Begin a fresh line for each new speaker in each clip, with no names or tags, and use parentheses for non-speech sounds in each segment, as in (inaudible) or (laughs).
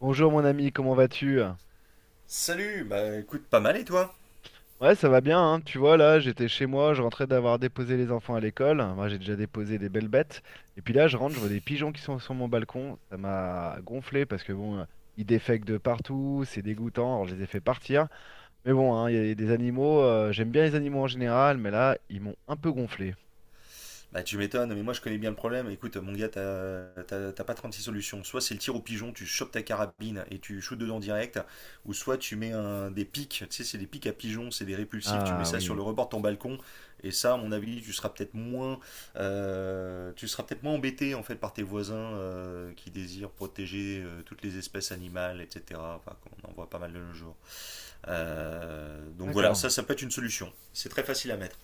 Bonjour mon ami, comment vas-tu?
Salut, bah écoute, pas mal et toi?
Ouais, ça va bien, hein. Tu vois, là, j'étais chez moi, je rentrais d'avoir déposé les enfants à l'école. Moi, j'ai déjà déposé des belles bêtes. Et puis là, je rentre, je vois des pigeons qui sont sur mon balcon. Ça m'a gonflé parce que bon, ils défèquent de partout, c'est dégoûtant. Alors, je les ai fait partir. Mais bon, hein, il y a des animaux, j'aime bien les animaux en général, mais là, ils m'ont un peu gonflé.
Bah tu m'étonnes, mais moi je connais bien le problème. Écoute, mon gars, t'as pas six solutions. Soit c'est le tir au pigeon, tu chopes ta carabine et tu shoots dedans direct, ou soit tu mets un, des pics, tu sais, c'est des pics à pigeons, c'est des répulsifs, tu mets
Ah
ça sur
oui,
le rebord de ton balcon, et ça, à mon avis, tu seras peut-être moins, tu seras peut-être moins embêté en fait par tes voisins qui désirent protéger toutes les espèces animales, etc. Enfin, on en voit pas mal de nos jours. Donc voilà,
d'accord.
ça peut être une solution. C'est très facile à mettre.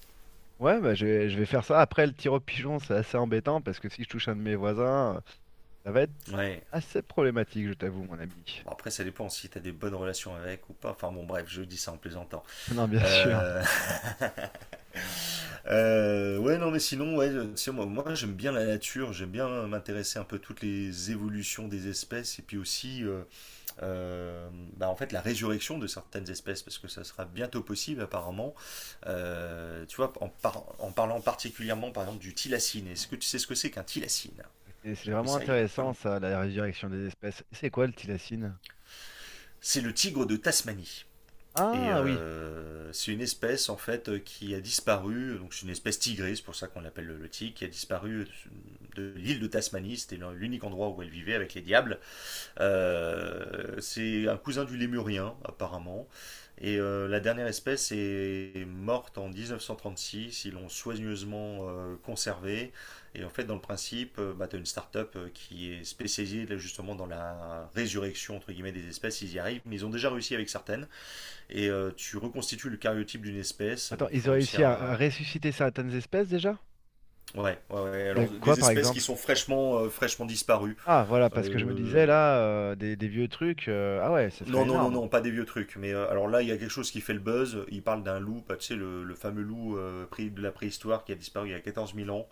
Ouais, bah, je vais faire ça. Après, le tir au pigeon, c'est assez embêtant parce que si je touche un de mes voisins, ça va être
Ouais.
assez problématique, je t'avoue, mon ami.
Bon, après, ça dépend si t'as des bonnes relations avec ou pas. Enfin bon, bref, je dis ça en plaisantant.
(laughs) Non, bien sûr.
Euh, (laughs) ouais, non, mais sinon, ouais, c'est moi j'aime bien la nature, j'aime bien m'intéresser un peu à toutes les évolutions des espèces et puis aussi, euh, bah, en fait, la résurrection de certaines espèces parce que ça sera bientôt possible apparemment. Tu vois, en parlant particulièrement par exemple du tilacine. Est-ce que tu sais ce que c'est qu'un tilacine?
Et c'est
J'ai appris
vraiment
ça il y a pas
intéressant,
longtemps.
ça, la résurrection des espèces. C'est quoi le thylacine?
C'est le tigre de Tasmanie. Et
Ah oui.
c'est une espèce en fait qui a disparu, donc c'est une espèce tigrée, c'est pour ça qu'on l'appelle le tigre, qui a disparu de l'île de Tasmanie, c'était l'unique endroit où elle vivait avec les diables. C'est un cousin du lémurien apparemment, et la dernière espèce est morte en 1936, ils l'ont soigneusement conservée, et en fait dans le principe, bah, tu as une start-up qui est spécialisée là, justement dans la résurrection entre guillemets des espèces, ils y arrivent, mais ils ont déjà réussi avec certaines, et tu reconstitues le cariotype d'une espèce.
Attends,
Donc il faut
ils ont réussi
réussir
à
à.
ressusciter certaines espèces déjà?
Ouais, ouais, ouais, ouais.
Il a
Alors
quoi,
des
par
espèces qui
exemple?
sont fraîchement disparues.
Ah, voilà, parce que je me
Euh,
disais là, des vieux trucs. Ah ouais, ça serait
Non, non, non,
énorme.
non, pas des vieux trucs. Mais alors là, il y a quelque chose qui fait le buzz. Il parle d'un loup, bah, tu sais, le fameux loup de la préhistoire qui a disparu il y a 14 000 ans.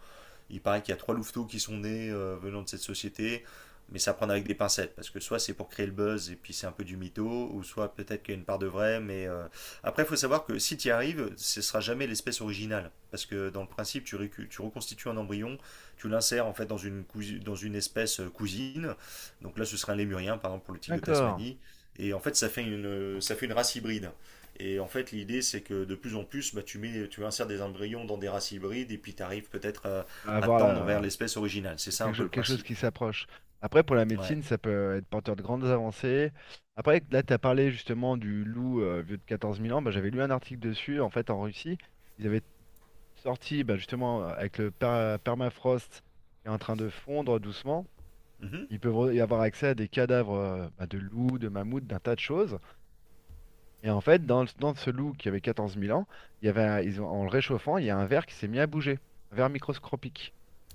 Il paraît qu'il y a trois louveteaux qui sont nés venant de cette société, mais ça prend avec des pincettes, parce que soit c'est pour créer le buzz et puis c'est un peu du mytho, ou soit peut-être qu'il y a une part de vrai, mais après il faut savoir que si tu y arrives, ce ne sera jamais l'espèce originale, parce que dans le principe tu reconstitues un embryon, tu l'insères en fait dans une espèce cousine, donc là ce sera un lémurien par exemple pour le tigre de
D'accord.
Tasmanie, et en fait ça fait ça fait une race hybride. Et en fait, l'idée, c'est que de plus en plus, bah, tu mets, tu insères des embryons dans des races hybrides, et puis tu arrives peut-être
On va
à
avoir
tendre vers
la,
l'espèce originale. C'est ça un peu le
quelque chose
principe.
qui s'approche. Après, pour la
Ouais.
médecine, ça peut être porteur de grandes avancées. Après, là, tu as parlé justement du loup vieux de 14 000 ans. Bah, j'avais lu un article dessus. En fait, en Russie, ils avaient sorti bah, justement avec le permafrost qui est en train de fondre doucement.
Mhm.
Ils peuvent y avoir accès à des cadavres bah, de loups, de mammouths, d'un tas de choses. Et en fait, dans ce loup qui avait 14 000 ans, il y avait, en le réchauffant, il y a un ver qui s'est mis à bouger, un ver microscopique.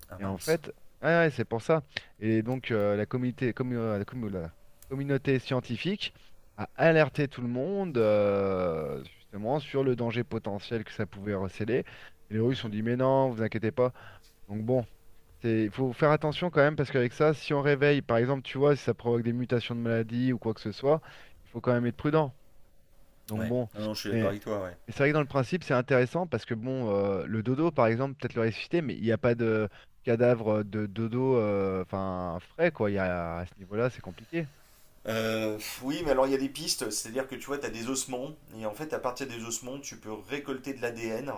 Ah
Et en
mince.
fait, ouais, ouais, c'est pour ça. Et donc, la communauté, commu- la commu- la communauté scientifique a alerté tout le monde, justement, sur le danger potentiel que ça pouvait recéler. Et les Russes ont
Mhm.
dit, mais non, vous inquiétez pas. Donc bon, il faut faire attention quand même, parce qu'avec ça, si on réveille, par exemple, tu vois, si ça provoque des mutations de maladies ou quoi que ce soit, il faut quand même être prudent. Donc
Ouais.
bon,
Non, non, je suis d'accord
mais
avec toi, ouais.
c'est vrai que dans le principe, c'est intéressant parce que bon, le dodo, par exemple, peut-être le ressusciter, mais il n'y a pas de cadavre de dodo, enfin frais quoi. Il y a, à ce niveau-là, c'est compliqué.
Oui, mais alors il y a des pistes, c'est-à-dire que tu vois, tu as des ossements, et en fait, à partir des ossements, tu peux récolter de l'ADN,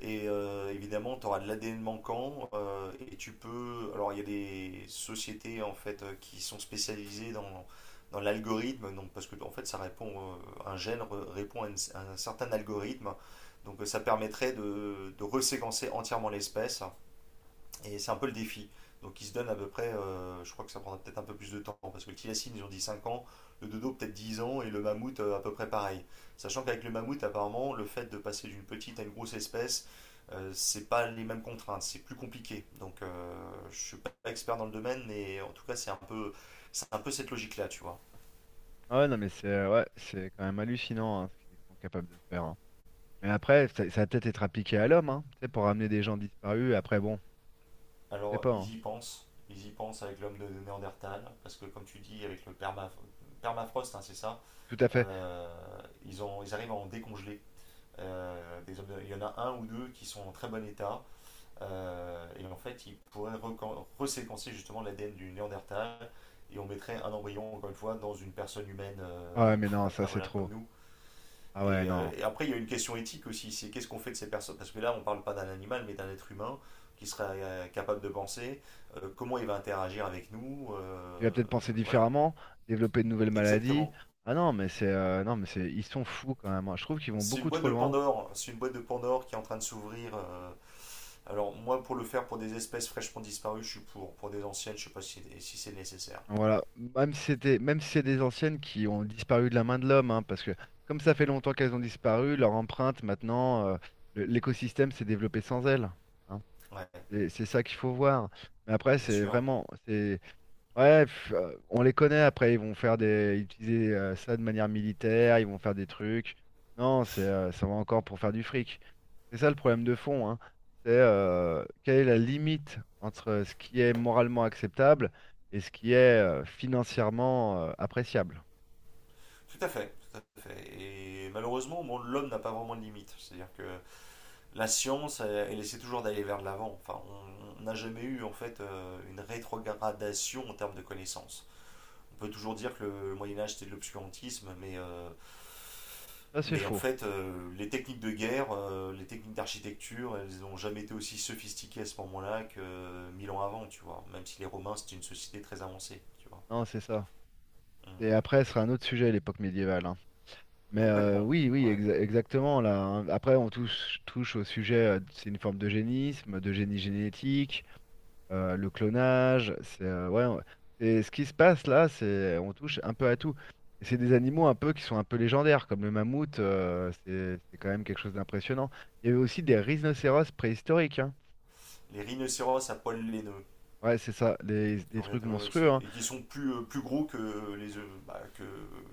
et évidemment, tu auras de l'ADN manquant, et tu peux. Alors, il y a des sociétés en fait qui sont spécialisées dans, dans l'algorithme, donc parce que en fait, ça répond, un répond à, à un certain algorithme, donc ça permettrait de reséquencer entièrement l'espèce. Et c'est un peu le défi. Donc il se donne à peu près, je crois que ça prendra peut-être un peu plus de temps, parce que le tilacine, ils ont dit 5 ans, le dodo peut-être 10 ans, et le mammouth à peu près pareil. Sachant qu'avec le mammouth, apparemment, le fait de passer d'une petite à une grosse espèce, c'est pas les mêmes contraintes, c'est plus compliqué. Donc je suis pas expert dans le domaine, mais en tout cas c'est un peu cette logique-là, tu vois.
Ah ouais, non, mais c'est ouais, c'est quand même hallucinant hein, ce qu'ils sont capables de faire. Hein. Mais après, ça va peut-être être appliqué à l'homme, hein, tu sais, pour ramener des gens disparus. Après, bon, je sais
Alors
pas. Hein.
ils y pensent avec l'homme de Néandertal, parce que comme tu dis, avec le permafrost, hein, c'est ça,
Tout à fait.
euh, ils arrivent à en décongeler. Des hommes il y en a un ou deux qui sont en très bon état, et en fait ils pourraient reséquencer justement l'ADN du Néandertal et on mettrait un embryon encore une fois dans une personne humaine,
Ah ouais, mais non,
(laughs)
ça
ah,
c'est
voilà, comme
trop.
nous.
Ah ouais,
Et,
non.
et après il y a une question éthique aussi, c'est qu'est-ce qu'on fait de ces personnes parce que là on ne parle pas d'un animal mais d'un être humain qui serait capable de penser, comment il va interagir avec nous.
Tu vas peut-être penser
Voilà.
différemment, développer de nouvelles maladies.
Exactement.
Ah non, mais c'est non, mais c'est ils sont fous quand même. Hein. Je trouve qu'ils vont
C'est une
beaucoup
boîte
trop
de
loin.
Pandore. C'est une boîte de Pandore qui est en train de s'ouvrir. Alors, moi, pour le faire pour des espèces fraîchement disparues, je suis pour. Pour des anciennes, je ne sais pas si, si c'est nécessaire.
Voilà, même si c'est des anciennes qui ont disparu de la main de l'homme, hein, parce que comme ça fait longtemps qu'elles ont disparu, leur empreinte maintenant, l'écosystème s'est développé sans elles. Hein.
Ouais,
C'est ça qu'il faut voir. Mais après,
bien
c'est
sûr.
vraiment, c'est Ouais, on les connaît après, ils vont faire des, utiliser ça de manière militaire, ils vont faire des trucs. Non, ça va encore pour faire du fric. C'est ça le problème de fond, hein. C'est quelle est la limite entre ce qui est moralement acceptable et ce qui est financièrement appréciable.
Tout à fait, tout à fait. Et malheureusement, bon, l'homme n'a pas vraiment de limite. C'est-à-dire que la science, elle, elle essaie toujours d'aller vers de l'avant. Enfin, on n'a jamais eu, en fait, une rétrogradation en termes de connaissances. On peut toujours dire que le Moyen-Âge, c'était de l'obscurantisme, mais
Ça, c'est
mais en
faux.
fait, les techniques de guerre, les techniques d'architecture, elles n'ont jamais été aussi sophistiquées à ce moment-là que 1000 ans avant, tu vois. Même si les Romains, c'était une société très avancée, tu vois.
Non, c'est ça.
Mm.
Et après, ce sera un autre sujet, l'époque médiévale. Hein. Mais
Complètement,
oui, oui,
ouais.
exactement. Là, hein. Après, on touche au sujet, c'est une forme d'eugénisme, de génie génétique. Le clonage, c'est ouais, c'est ce qui se passe là, c'est on touche un peu à tout. Et c'est des animaux un peu qui sont un peu légendaires, comme le mammouth, c'est quand même quelque chose d'impressionnant. Il y avait aussi des rhinocéros préhistoriques, hein.
Les rhinocéros à poil laineux,
Ouais, c'est ça, des,
qui
des
ont
trucs
été- ouais,
monstrueux,
c'est-
hein.
et qui sont plus, plus gros que les, bah, que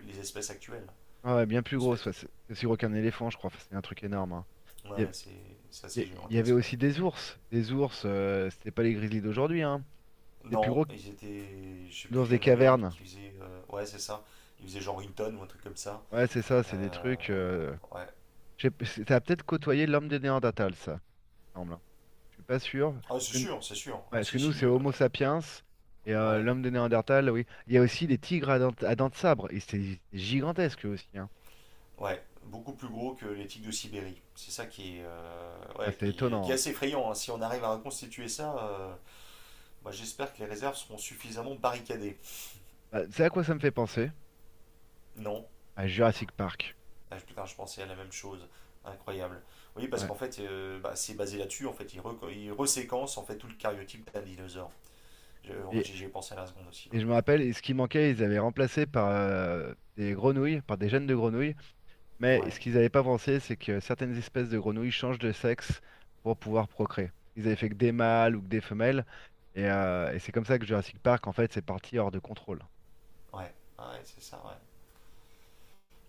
les espèces actuelles,
Ah ouais, bien plus
de ce
gros,
fait.
c'est aussi gros qu'un éléphant, je crois, enfin, c'est un truc énorme, hein. Il y, a-
Ouais, c'est
il
assez
y a- il y avait
gigantesque, ouais.
aussi des ours, c'était pas les grizzlies d'aujourd'hui, hein. C'était plus
Non,
gros que
ils étaient. Je sais plus,
l'ours
il
des
y en avait un
cavernes.
qui faisait. Ouais, c'est ça. Il faisait genre une tonne ou un truc comme ça.
Ouais, c'est ça, c'est des
Euh,
trucs.
ouais,
Je sais p- c'est- ça a peut-être côtoyé l'homme des Néandertals, ça. Semble, hein. Je suis pas sûr. Parce
ah, c'est
que, ouais,
sûr, c'est sûr. Ah,
parce que
si,
nous,
si.
c'est Homo sapiens et
Ouais,
l'homme de Néandertal, oui. Il y a aussi des tigres à dents, de sabre. Et c'est gigantesque eux aussi. Hein.
ouais. Beaucoup plus gros que les tiques de Sibérie. C'est ça qui est,
Ah,
ouais,
c'est
qui
étonnant.
est
Hein.
assez effrayant, hein. Si on arrive à reconstituer ça, moi, j'espère que les réserves seront suffisamment barricadées.
Bah, c'est à quoi ça me fait penser?
Non.
À Jurassic Park.
Ah, je- putain, je pensais à la même chose. Incroyable. Oui, parce
Ouais.
qu'en fait, bah, c'est basé là-dessus. En fait, ils reséquencent en fait tout le cariotype d'un dinosaure. Je- en fait,
Et,
j'y ai pensé à la seconde aussi. Ouais.
et je me rappelle, et ce qui manquait, ils avaient remplacé par des grenouilles, par des gènes de grenouilles. Mais ce
Ouais.
qu'ils n'avaient pas pensé, c'est que certaines espèces de grenouilles changent de sexe pour pouvoir procréer. Ils avaient fait que des mâles ou que des femelles. Et c'est comme ça que Jurassic Park, en fait, c'est parti hors de contrôle.
Ouais. Ah, ouais, c'est ça. Ouais.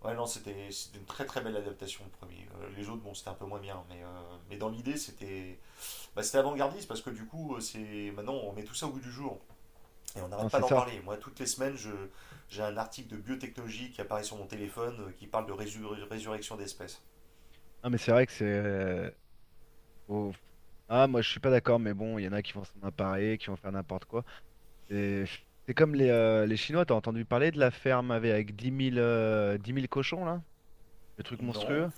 Ouais, non, c'était une très très belle adaptation, le premier. Les autres, bon, c'était un peu moins bien, mais dans l'idée, c'était bah, c'était avant-gardiste parce que du coup, c'est maintenant, on met tout ça au goût du jour et on
Non,
n'arrête pas
c'est
d'en
ça.
parler. Moi, toutes les semaines, je j'ai un article de biotechnologie qui apparaît sur mon téléphone qui parle de résurrection d'espèces.
Ah mais c'est vrai que c'est. Faut- Ah, moi, je suis pas d'accord, mais bon, il y en a qui vont s'en emparer, qui vont faire n'importe quoi. C'est c'est comme les Chinois, t'as entendu parler de la ferme avec 10 000, 10 000 cochons, là? Le truc
Non,
monstrueux.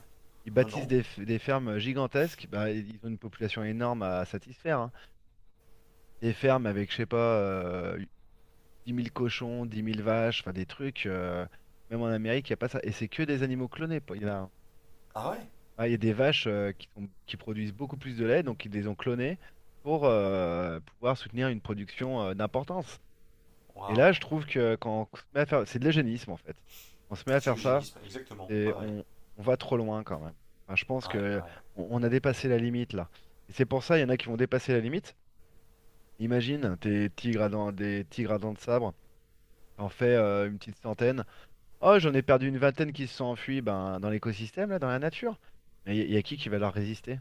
Ils
non,
bâtissent
non.
des fermes gigantesques. Bah, ils ont une population énorme à satisfaire. Hein. Des fermes avec, je sais pas, 10 000 cochons, 10 000 vaches, enfin des trucs. Même en Amérique, il n'y a pas ça. Et c'est que des animaux clonés. Il y en a. hein.
Ah ouais,
Ah, il y a des vaches qui produisent beaucoup plus de lait, donc ils les ont clonées pour pouvoir soutenir une production d'importance. Et là, je
waouh.
trouve que quand on se met à faire, c'est de l'eugénisme en fait. On se met à
C'est
faire ça,
l'eugénisme, exactement.
et
Ah ouais,
on va trop loin quand même. Enfin, je pense
ah ouais,
que
ah ouais.
on a dépassé la limite là. Et c'est pour ça, il y en a qui vont dépasser la limite. Imagine, tes tigres à dents, des tigres à dents de sabre, t'en fais une petite centaine. Oh, j'en ai perdu une vingtaine qui se sont enfuis ben, dans l'écosystème là, dans la nature. Mais il y a qui va leur résister?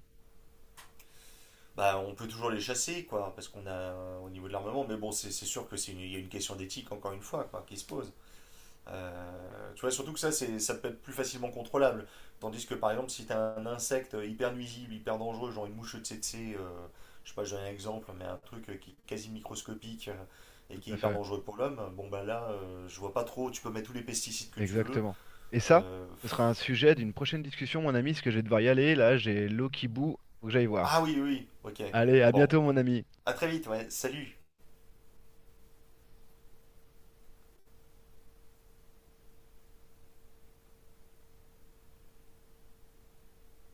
Bah, on peut toujours les chasser, quoi, parce qu'on a au niveau de l'armement, mais bon, c'est sûr que c'est une, il y a une question d'éthique, encore une fois, quoi, qui se pose. Tu vois, surtout que ça, c'est, ça peut être plus facilement contrôlable. Tandis que par exemple, si tu as un insecte hyper nuisible, hyper dangereux, genre une mouche tsetse, je sais pas, je donne un exemple, mais un truc qui est quasi microscopique, et
Tout
qui est
à
hyper
fait.
dangereux pour l'homme, bon bah là, je vois pas trop, tu peux mettre tous les pesticides que tu veux.
Exactement. Et ça,
Euh,
ce sera un sujet d'une prochaine discussion, mon ami, parce que je vais devoir y aller. Là, j'ai l'eau qui bout, faut que j'aille voir.
Ah oui, oui, oui, ok.
Allez, à
Bon,
bientôt, mon ami.
à très vite, ouais, salut.